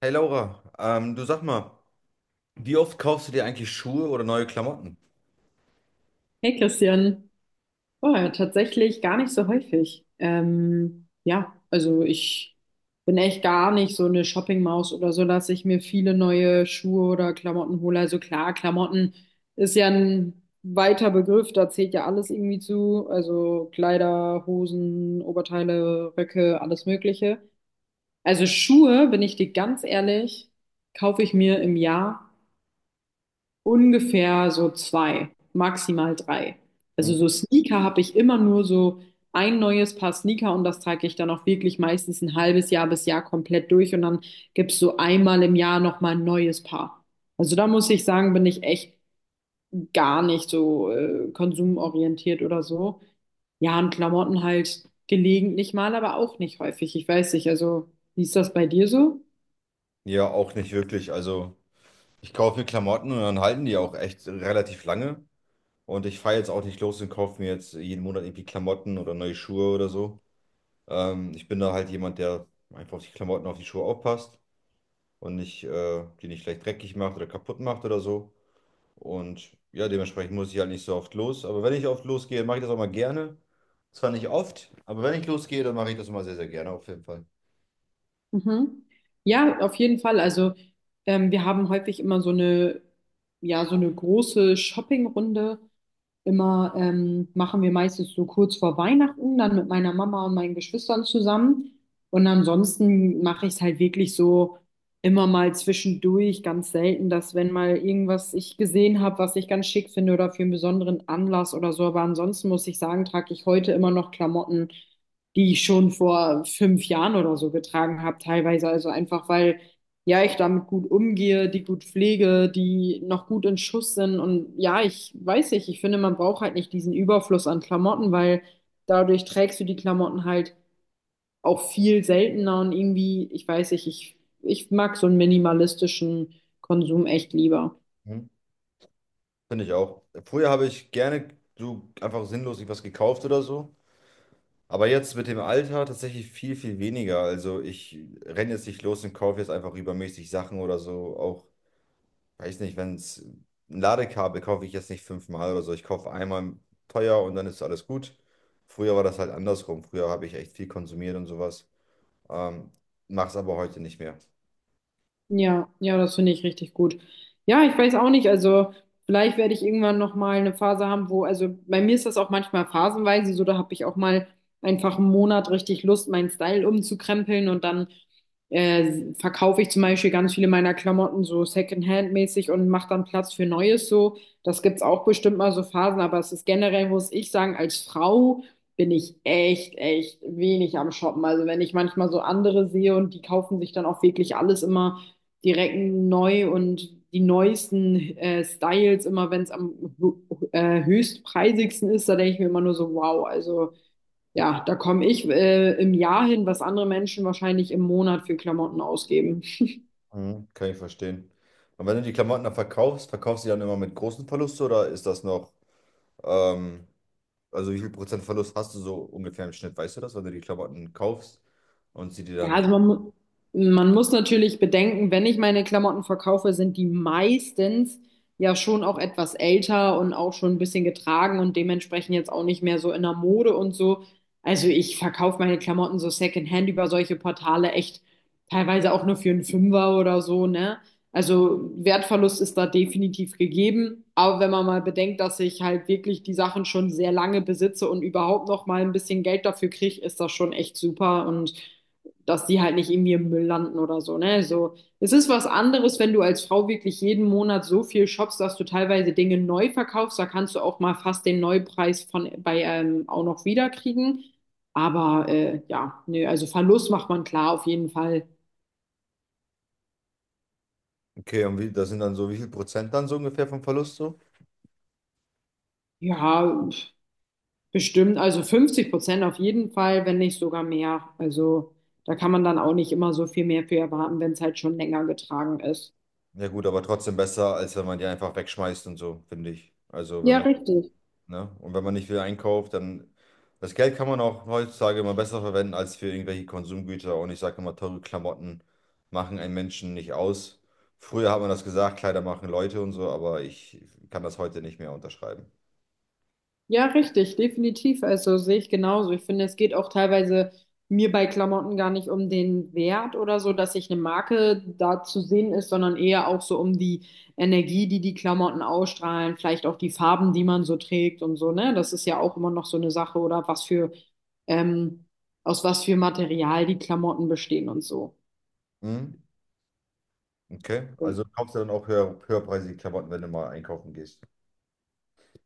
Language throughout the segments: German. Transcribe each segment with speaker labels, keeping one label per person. Speaker 1: Hey Laura, du sag mal, wie oft kaufst du dir eigentlich Schuhe oder neue Klamotten?
Speaker 2: Hey Christian, oh, ja, tatsächlich gar nicht so häufig. Ja, also ich bin echt gar nicht so eine Shoppingmaus oder so, dass ich mir viele neue Schuhe oder Klamotten hole. Also klar, Klamotten ist ja ein weiter Begriff, da zählt ja alles irgendwie zu. Also Kleider, Hosen, Oberteile, Röcke, alles Mögliche. Also Schuhe, bin ich dir ganz ehrlich, kaufe ich mir im Jahr ungefähr so zwei, maximal drei. Also
Speaker 1: Mhm.
Speaker 2: so Sneaker habe ich immer nur so ein neues Paar Sneaker und das trage ich dann auch wirklich meistens ein halbes Jahr bis Jahr komplett durch und dann gibt es so einmal im Jahr nochmal ein neues Paar. Also da muss ich sagen, bin ich echt gar nicht so konsumorientiert oder so. Ja, und Klamotten halt gelegentlich mal, aber auch nicht häufig. Ich weiß nicht, also wie ist das bei dir so?
Speaker 1: Ja, auch nicht wirklich. Also ich kaufe mir Klamotten und dann halten die auch echt relativ lange. Und ich fahre jetzt auch nicht los und kaufe mir jetzt jeden Monat irgendwie Klamotten oder neue Schuhe oder so. Ich bin da halt jemand, der einfach auf die Klamotten, auf die Schuhe aufpasst und nicht, die nicht gleich dreckig macht oder kaputt macht oder so. Und ja, dementsprechend muss ich halt nicht so oft los. Aber wenn ich oft losgehe, mache ich das auch mal gerne. Zwar nicht oft, aber wenn ich losgehe, dann mache ich das immer sehr, sehr gerne auf jeden Fall.
Speaker 2: Mhm. Ja, auf jeden Fall. Also wir haben häufig immer so eine, ja, so eine große Shoppingrunde immer, machen wir meistens so kurz vor Weihnachten, dann mit meiner Mama und meinen Geschwistern zusammen. Und ansonsten mache ich es halt wirklich so immer mal zwischendurch, ganz selten, dass wenn mal irgendwas ich gesehen habe, was ich ganz schick finde oder für einen besonderen Anlass oder so. Aber ansonsten muss ich sagen, trage ich heute immer noch Klamotten, die ich schon vor 5 Jahren oder so getragen habe, teilweise. Also einfach, weil ja, ich damit gut umgehe, die gut pflege, die noch gut in Schuss sind. Und ja, ich weiß nicht, ich finde, man braucht halt nicht diesen Überfluss an Klamotten, weil dadurch trägst du die Klamotten halt auch viel seltener und irgendwie, ich weiß nicht, ich mag so einen minimalistischen Konsum echt lieber.
Speaker 1: Hm? Finde ich auch. Früher habe ich gerne so einfach sinnlos was gekauft oder so. Aber jetzt mit dem Alter tatsächlich viel, viel weniger. Also ich renne jetzt nicht los und kaufe jetzt einfach übermäßig Sachen oder so. Auch weiß nicht, wenn es ein Ladekabel kaufe ich jetzt nicht fünfmal oder so. Ich kaufe einmal teuer und dann ist alles gut. Früher war das halt andersrum. Früher habe ich echt viel konsumiert und sowas. Ähm, Mach's aber heute nicht mehr.
Speaker 2: Ja, ja, das finde ich richtig gut. Ja, ich weiß auch nicht, also vielleicht werde ich irgendwann noch mal eine Phase haben, wo, also bei mir ist das auch manchmal phasenweise so, da habe ich auch mal einfach einen Monat richtig Lust, meinen Style umzukrempeln und dann verkaufe ich zum Beispiel ganz viele meiner Klamotten so Secondhand-mäßig und mache dann Platz für Neues so. Das gibt's auch bestimmt mal so Phasen, aber es ist generell, muss ich sagen, als Frau bin ich echt, echt wenig am Shoppen. Also wenn ich manchmal so andere sehe und die kaufen sich dann auch wirklich alles immer direkt neu und die neuesten Styles, immer wenn es am hö- höchstpreisigsten ist, da denke ich mir immer nur so, wow, also ja, da komme ich im Jahr hin, was andere Menschen wahrscheinlich im Monat für Klamotten ausgeben.
Speaker 1: Mhm, kann ich verstehen. Und wenn du die Klamotten dann verkaufst, verkaufst du die dann immer mit großen Verlust oder ist das noch, ähm, also wie viel Prozent Verlust hast du so ungefähr im Schnitt? Weißt du das, wenn du die Klamotten kaufst und sie dir
Speaker 2: Ja,
Speaker 1: dann,
Speaker 2: man muss natürlich bedenken, wenn ich meine Klamotten verkaufe, sind die meistens ja schon auch etwas älter und auch schon ein bisschen getragen und dementsprechend jetzt auch nicht mehr so in der Mode und so. Also ich verkaufe meine Klamotten so Secondhand über solche Portale echt teilweise auch nur für einen Fünfer oder so, ne? Also Wertverlust ist da definitiv gegeben, aber wenn man mal bedenkt, dass ich halt wirklich die Sachen schon sehr lange besitze und überhaupt noch mal ein bisschen Geld dafür kriege, ist das schon echt super und dass die halt nicht irgendwie im Müll landen oder so, ne? So, es ist was anderes, wenn du als Frau wirklich jeden Monat so viel shoppst, dass du teilweise Dinge neu verkaufst. Da kannst du auch mal fast den Neupreis von bei auch noch wiederkriegen. Aber ja, nee, also Verlust macht man klar auf jeden Fall.
Speaker 1: okay, und wie, das sind dann so, wie viel Prozent dann so ungefähr vom Verlust so?
Speaker 2: Ja, pf, bestimmt, also 50% auf jeden Fall, wenn nicht sogar mehr. Also da kann man dann auch nicht immer so viel mehr für erwarten, wenn es halt schon länger getragen ist.
Speaker 1: Ja gut, aber trotzdem besser, als wenn man die einfach wegschmeißt und so, finde ich. Also
Speaker 2: Ja,
Speaker 1: wenn man,
Speaker 2: richtig.
Speaker 1: ne? Und wenn man nicht viel einkauft, dann das Geld kann man auch heutzutage immer besser verwenden als für irgendwelche Konsumgüter. Und ich sage immer, teure Klamotten machen einen Menschen nicht aus. Früher hat man das gesagt, Kleider machen Leute und so, aber ich kann das heute nicht mehr unterschreiben.
Speaker 2: Ja, richtig, definitiv. Also sehe ich genauso. Ich finde, es geht auch teilweise mir bei Klamotten gar nicht um den Wert oder so, dass sich eine Marke da zu sehen ist, sondern eher auch so um die Energie, die die Klamotten ausstrahlen, vielleicht auch die Farben, die man so trägt und so, ne? Das ist ja auch immer noch so eine Sache oder was für, ähm, aus was für Material die Klamotten bestehen und so.
Speaker 1: Mhm. Okay, also kaufst du dann auch höher, höherpreisige Klamotten, wenn du mal einkaufen gehst.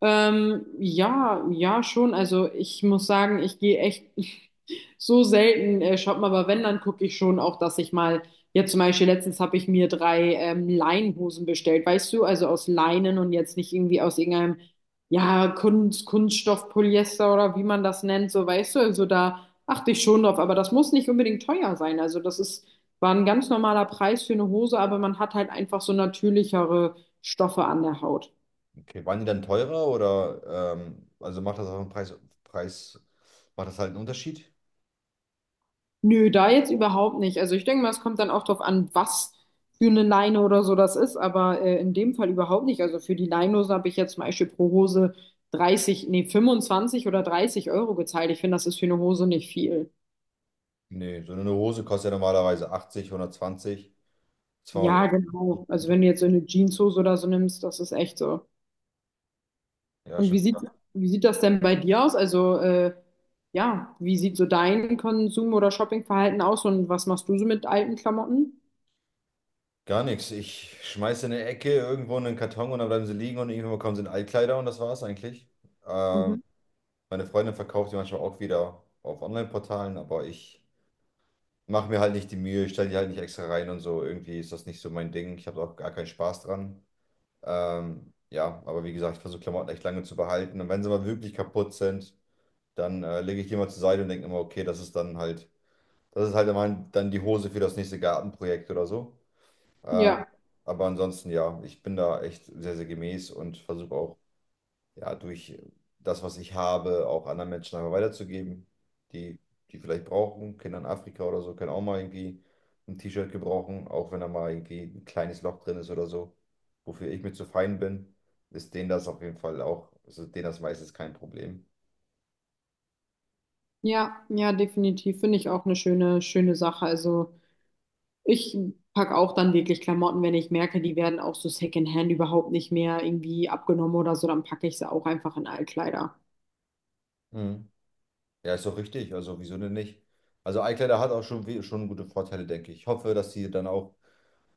Speaker 2: Ja, ja, schon. Also ich muss sagen, ich gehe echt so selten shoppen, aber wenn, dann gucke ich schon auch, dass ich mal, jetzt zum Beispiel letztens habe ich mir drei Leinhosen bestellt, weißt du, also aus Leinen und jetzt nicht irgendwie aus irgendeinem, ja, Kunststoff, Polyester oder wie man das nennt, so weißt du, also da achte ich schon drauf, aber das muss nicht unbedingt teuer sein. Also das ist, war ein ganz normaler Preis für eine Hose, aber man hat halt einfach so natürlichere Stoffe an der Haut.
Speaker 1: Okay, waren die dann teurer oder also macht das auch einen Preis, Preis, macht das halt einen Unterschied?
Speaker 2: Nö, da jetzt überhaupt nicht. Also ich denke mal, es kommt dann auch drauf an, was für eine Leine oder so das ist, aber in dem Fall überhaupt nicht. Also für die Leinenhose habe ich jetzt zum Beispiel pro Hose 30, nee, 25 oder 30 € gezahlt. Ich finde, das ist für eine Hose nicht viel.
Speaker 1: Nee, so eine Hose kostet ja normalerweise 80, 120, 200.
Speaker 2: Ja, genau. Also
Speaker 1: Euro.
Speaker 2: wenn du jetzt so eine Jeanshose oder so nimmst, das ist echt so.
Speaker 1: Ja,
Speaker 2: Und
Speaker 1: schon
Speaker 2: wie sieht das denn bei dir aus? Also ja, wie sieht so dein Konsum- oder Shoppingverhalten aus und was machst du so mit alten Klamotten?
Speaker 1: gar nichts. Ich schmeiße in eine Ecke irgendwo in einen Karton und dann bleiben sie liegen und irgendwann bekommen sie in Altkleider und das war's eigentlich. Ähm,
Speaker 2: Mhm.
Speaker 1: Meine Freundin verkauft die manchmal auch wieder auf Online-Portalen, aber ich mache mir halt nicht die Mühe, stelle die halt nicht extra rein und so. Irgendwie ist das nicht so mein Ding. Ich habe auch gar keinen Spaß dran. Ja, aber wie gesagt, ich versuche Klamotten echt lange zu behalten und wenn sie mal wirklich kaputt sind, dann lege ich die mal zur Seite und denke immer, okay, das ist dann halt das ist halt immer dann die Hose für das nächste Gartenprojekt oder so. Ähm,
Speaker 2: Ja.
Speaker 1: aber ansonsten, ja, ich bin da echt sehr, sehr gemäß und versuche auch, ja, durch das, was ich habe, auch anderen Menschen einfach weiterzugeben, die, die vielleicht brauchen. Kinder in Afrika oder so können auch mal irgendwie ein T-Shirt gebrauchen, auch wenn da mal irgendwie ein kleines Loch drin ist oder so. Wofür ich mir zu fein bin, ist denen das auf jeden Fall auch, also denen das meistens kein Problem.
Speaker 2: Ja, ja, definitiv. Finde ich auch eine schöne, schöne Sache. Also ich packe auch dann wirklich Klamotten, wenn ich merke, die werden auch so Secondhand überhaupt nicht mehr irgendwie abgenommen oder so, dann packe ich sie auch einfach in Altkleider.
Speaker 1: Mhm. Ja, ist doch richtig. Also, wieso denn nicht? Also, iCloud hat auch schon, schon gute Vorteile, denke ich. Ich hoffe, dass die dann auch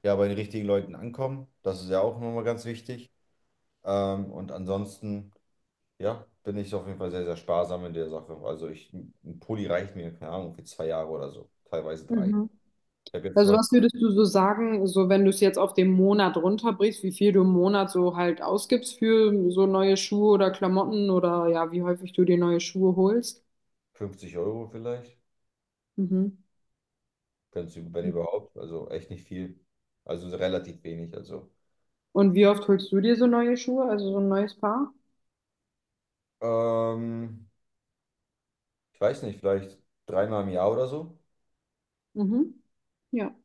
Speaker 1: ja, bei den richtigen Leuten ankommen. Das ist ja auch nochmal ganz wichtig. Und ansonsten, ja, bin ich auf jeden Fall sehr, sehr sparsam in der Sache. Also, ich, ein Pulli reicht mir, keine Ahnung, für 2 Jahre oder so. Teilweise drei.
Speaker 2: Mhm.
Speaker 1: Ich habe jetzt zum
Speaker 2: Also
Speaker 1: Beispiel
Speaker 2: was würdest du so sagen, so wenn du es jetzt auf den Monat runterbrichst, wie viel du im Monat so halt ausgibst für so neue Schuhe oder Klamotten oder ja, wie häufig du dir neue Schuhe holst?
Speaker 1: 50 Euro vielleicht,
Speaker 2: Mhm.
Speaker 1: wenn's, wenn überhaupt. Also, echt nicht viel. Also, relativ wenig. Also,
Speaker 2: Und wie oft holst du dir so neue Schuhe, also so ein neues Paar?
Speaker 1: ähm, ich weiß nicht, vielleicht dreimal im Jahr oder so.
Speaker 2: Mhm. Ja.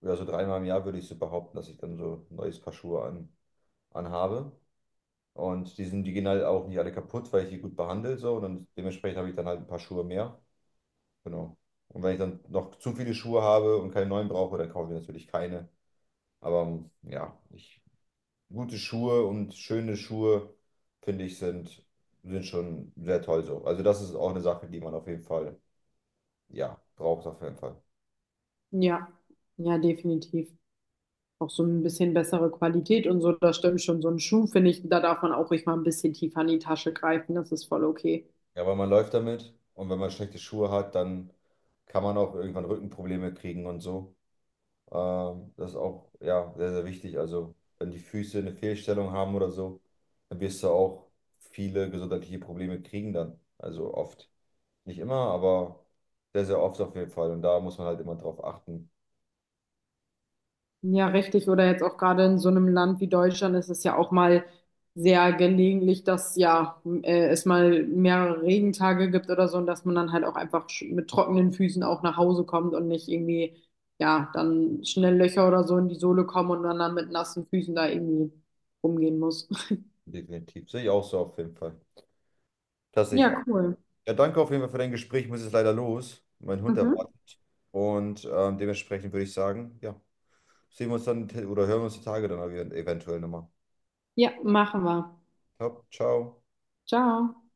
Speaker 1: Ja, so dreimal im Jahr würde ich so behaupten, dass ich dann so ein neues Paar Schuhe anhabe. Und die sind, die gehen halt auch nicht alle kaputt, weil ich die gut behandle, so. Und dann dementsprechend habe ich dann halt ein paar Schuhe mehr. Genau. Und wenn ich dann noch zu viele Schuhe habe und keine neuen brauche, dann kaufe ich natürlich keine. Aber ja, ich, gute Schuhe und schöne Schuhe, finde ich, sind, sind schon sehr toll so. Also das ist auch eine Sache, die man auf jeden Fall, ja, braucht auf jeden Fall.
Speaker 2: Ja, ja, definitiv. Auch so ein bisschen bessere Qualität und so, das stimmt schon. So ein Schuh, finde ich, da darf man auch ruhig mal ein bisschen tiefer in die Tasche greifen. Das ist voll okay.
Speaker 1: Ja, weil man läuft damit und wenn man schlechte Schuhe hat, dann kann man auch irgendwann Rückenprobleme kriegen und so. Das ist auch, ja, sehr, sehr wichtig. Also, wenn die Füße eine Fehlstellung haben oder so, dann wirst du auch viele gesundheitliche Probleme kriegen dann. Also oft. Nicht immer, aber sehr, sehr oft auf jeden Fall. Und da muss man halt immer drauf achten.
Speaker 2: Ja, richtig. Oder jetzt auch gerade in so einem Land wie Deutschland ist es ja auch mal sehr gelegentlich, dass ja es mal mehrere Regentage gibt oder so und dass man dann halt auch einfach mit trockenen Füßen auch nach Hause kommt und nicht irgendwie, ja, dann schnell Löcher oder so in die Sohle kommen und man dann mit nassen Füßen da irgendwie rumgehen muss.
Speaker 1: Definitiv. Sehe ich auch so auf jeden Fall. Das sehe ich auch.
Speaker 2: Ja, cool.
Speaker 1: Ja, danke auf jeden Fall für dein Gespräch. Ich muss jetzt leider los. Mein Hund
Speaker 2: Mhm.
Speaker 1: erwartet. Und dementsprechend würde ich sagen, ja. Sehen wir uns dann oder hören wir uns die Tage dann eventuell nochmal.
Speaker 2: Ja, machen wir.
Speaker 1: Ja, ciao.
Speaker 2: Ciao.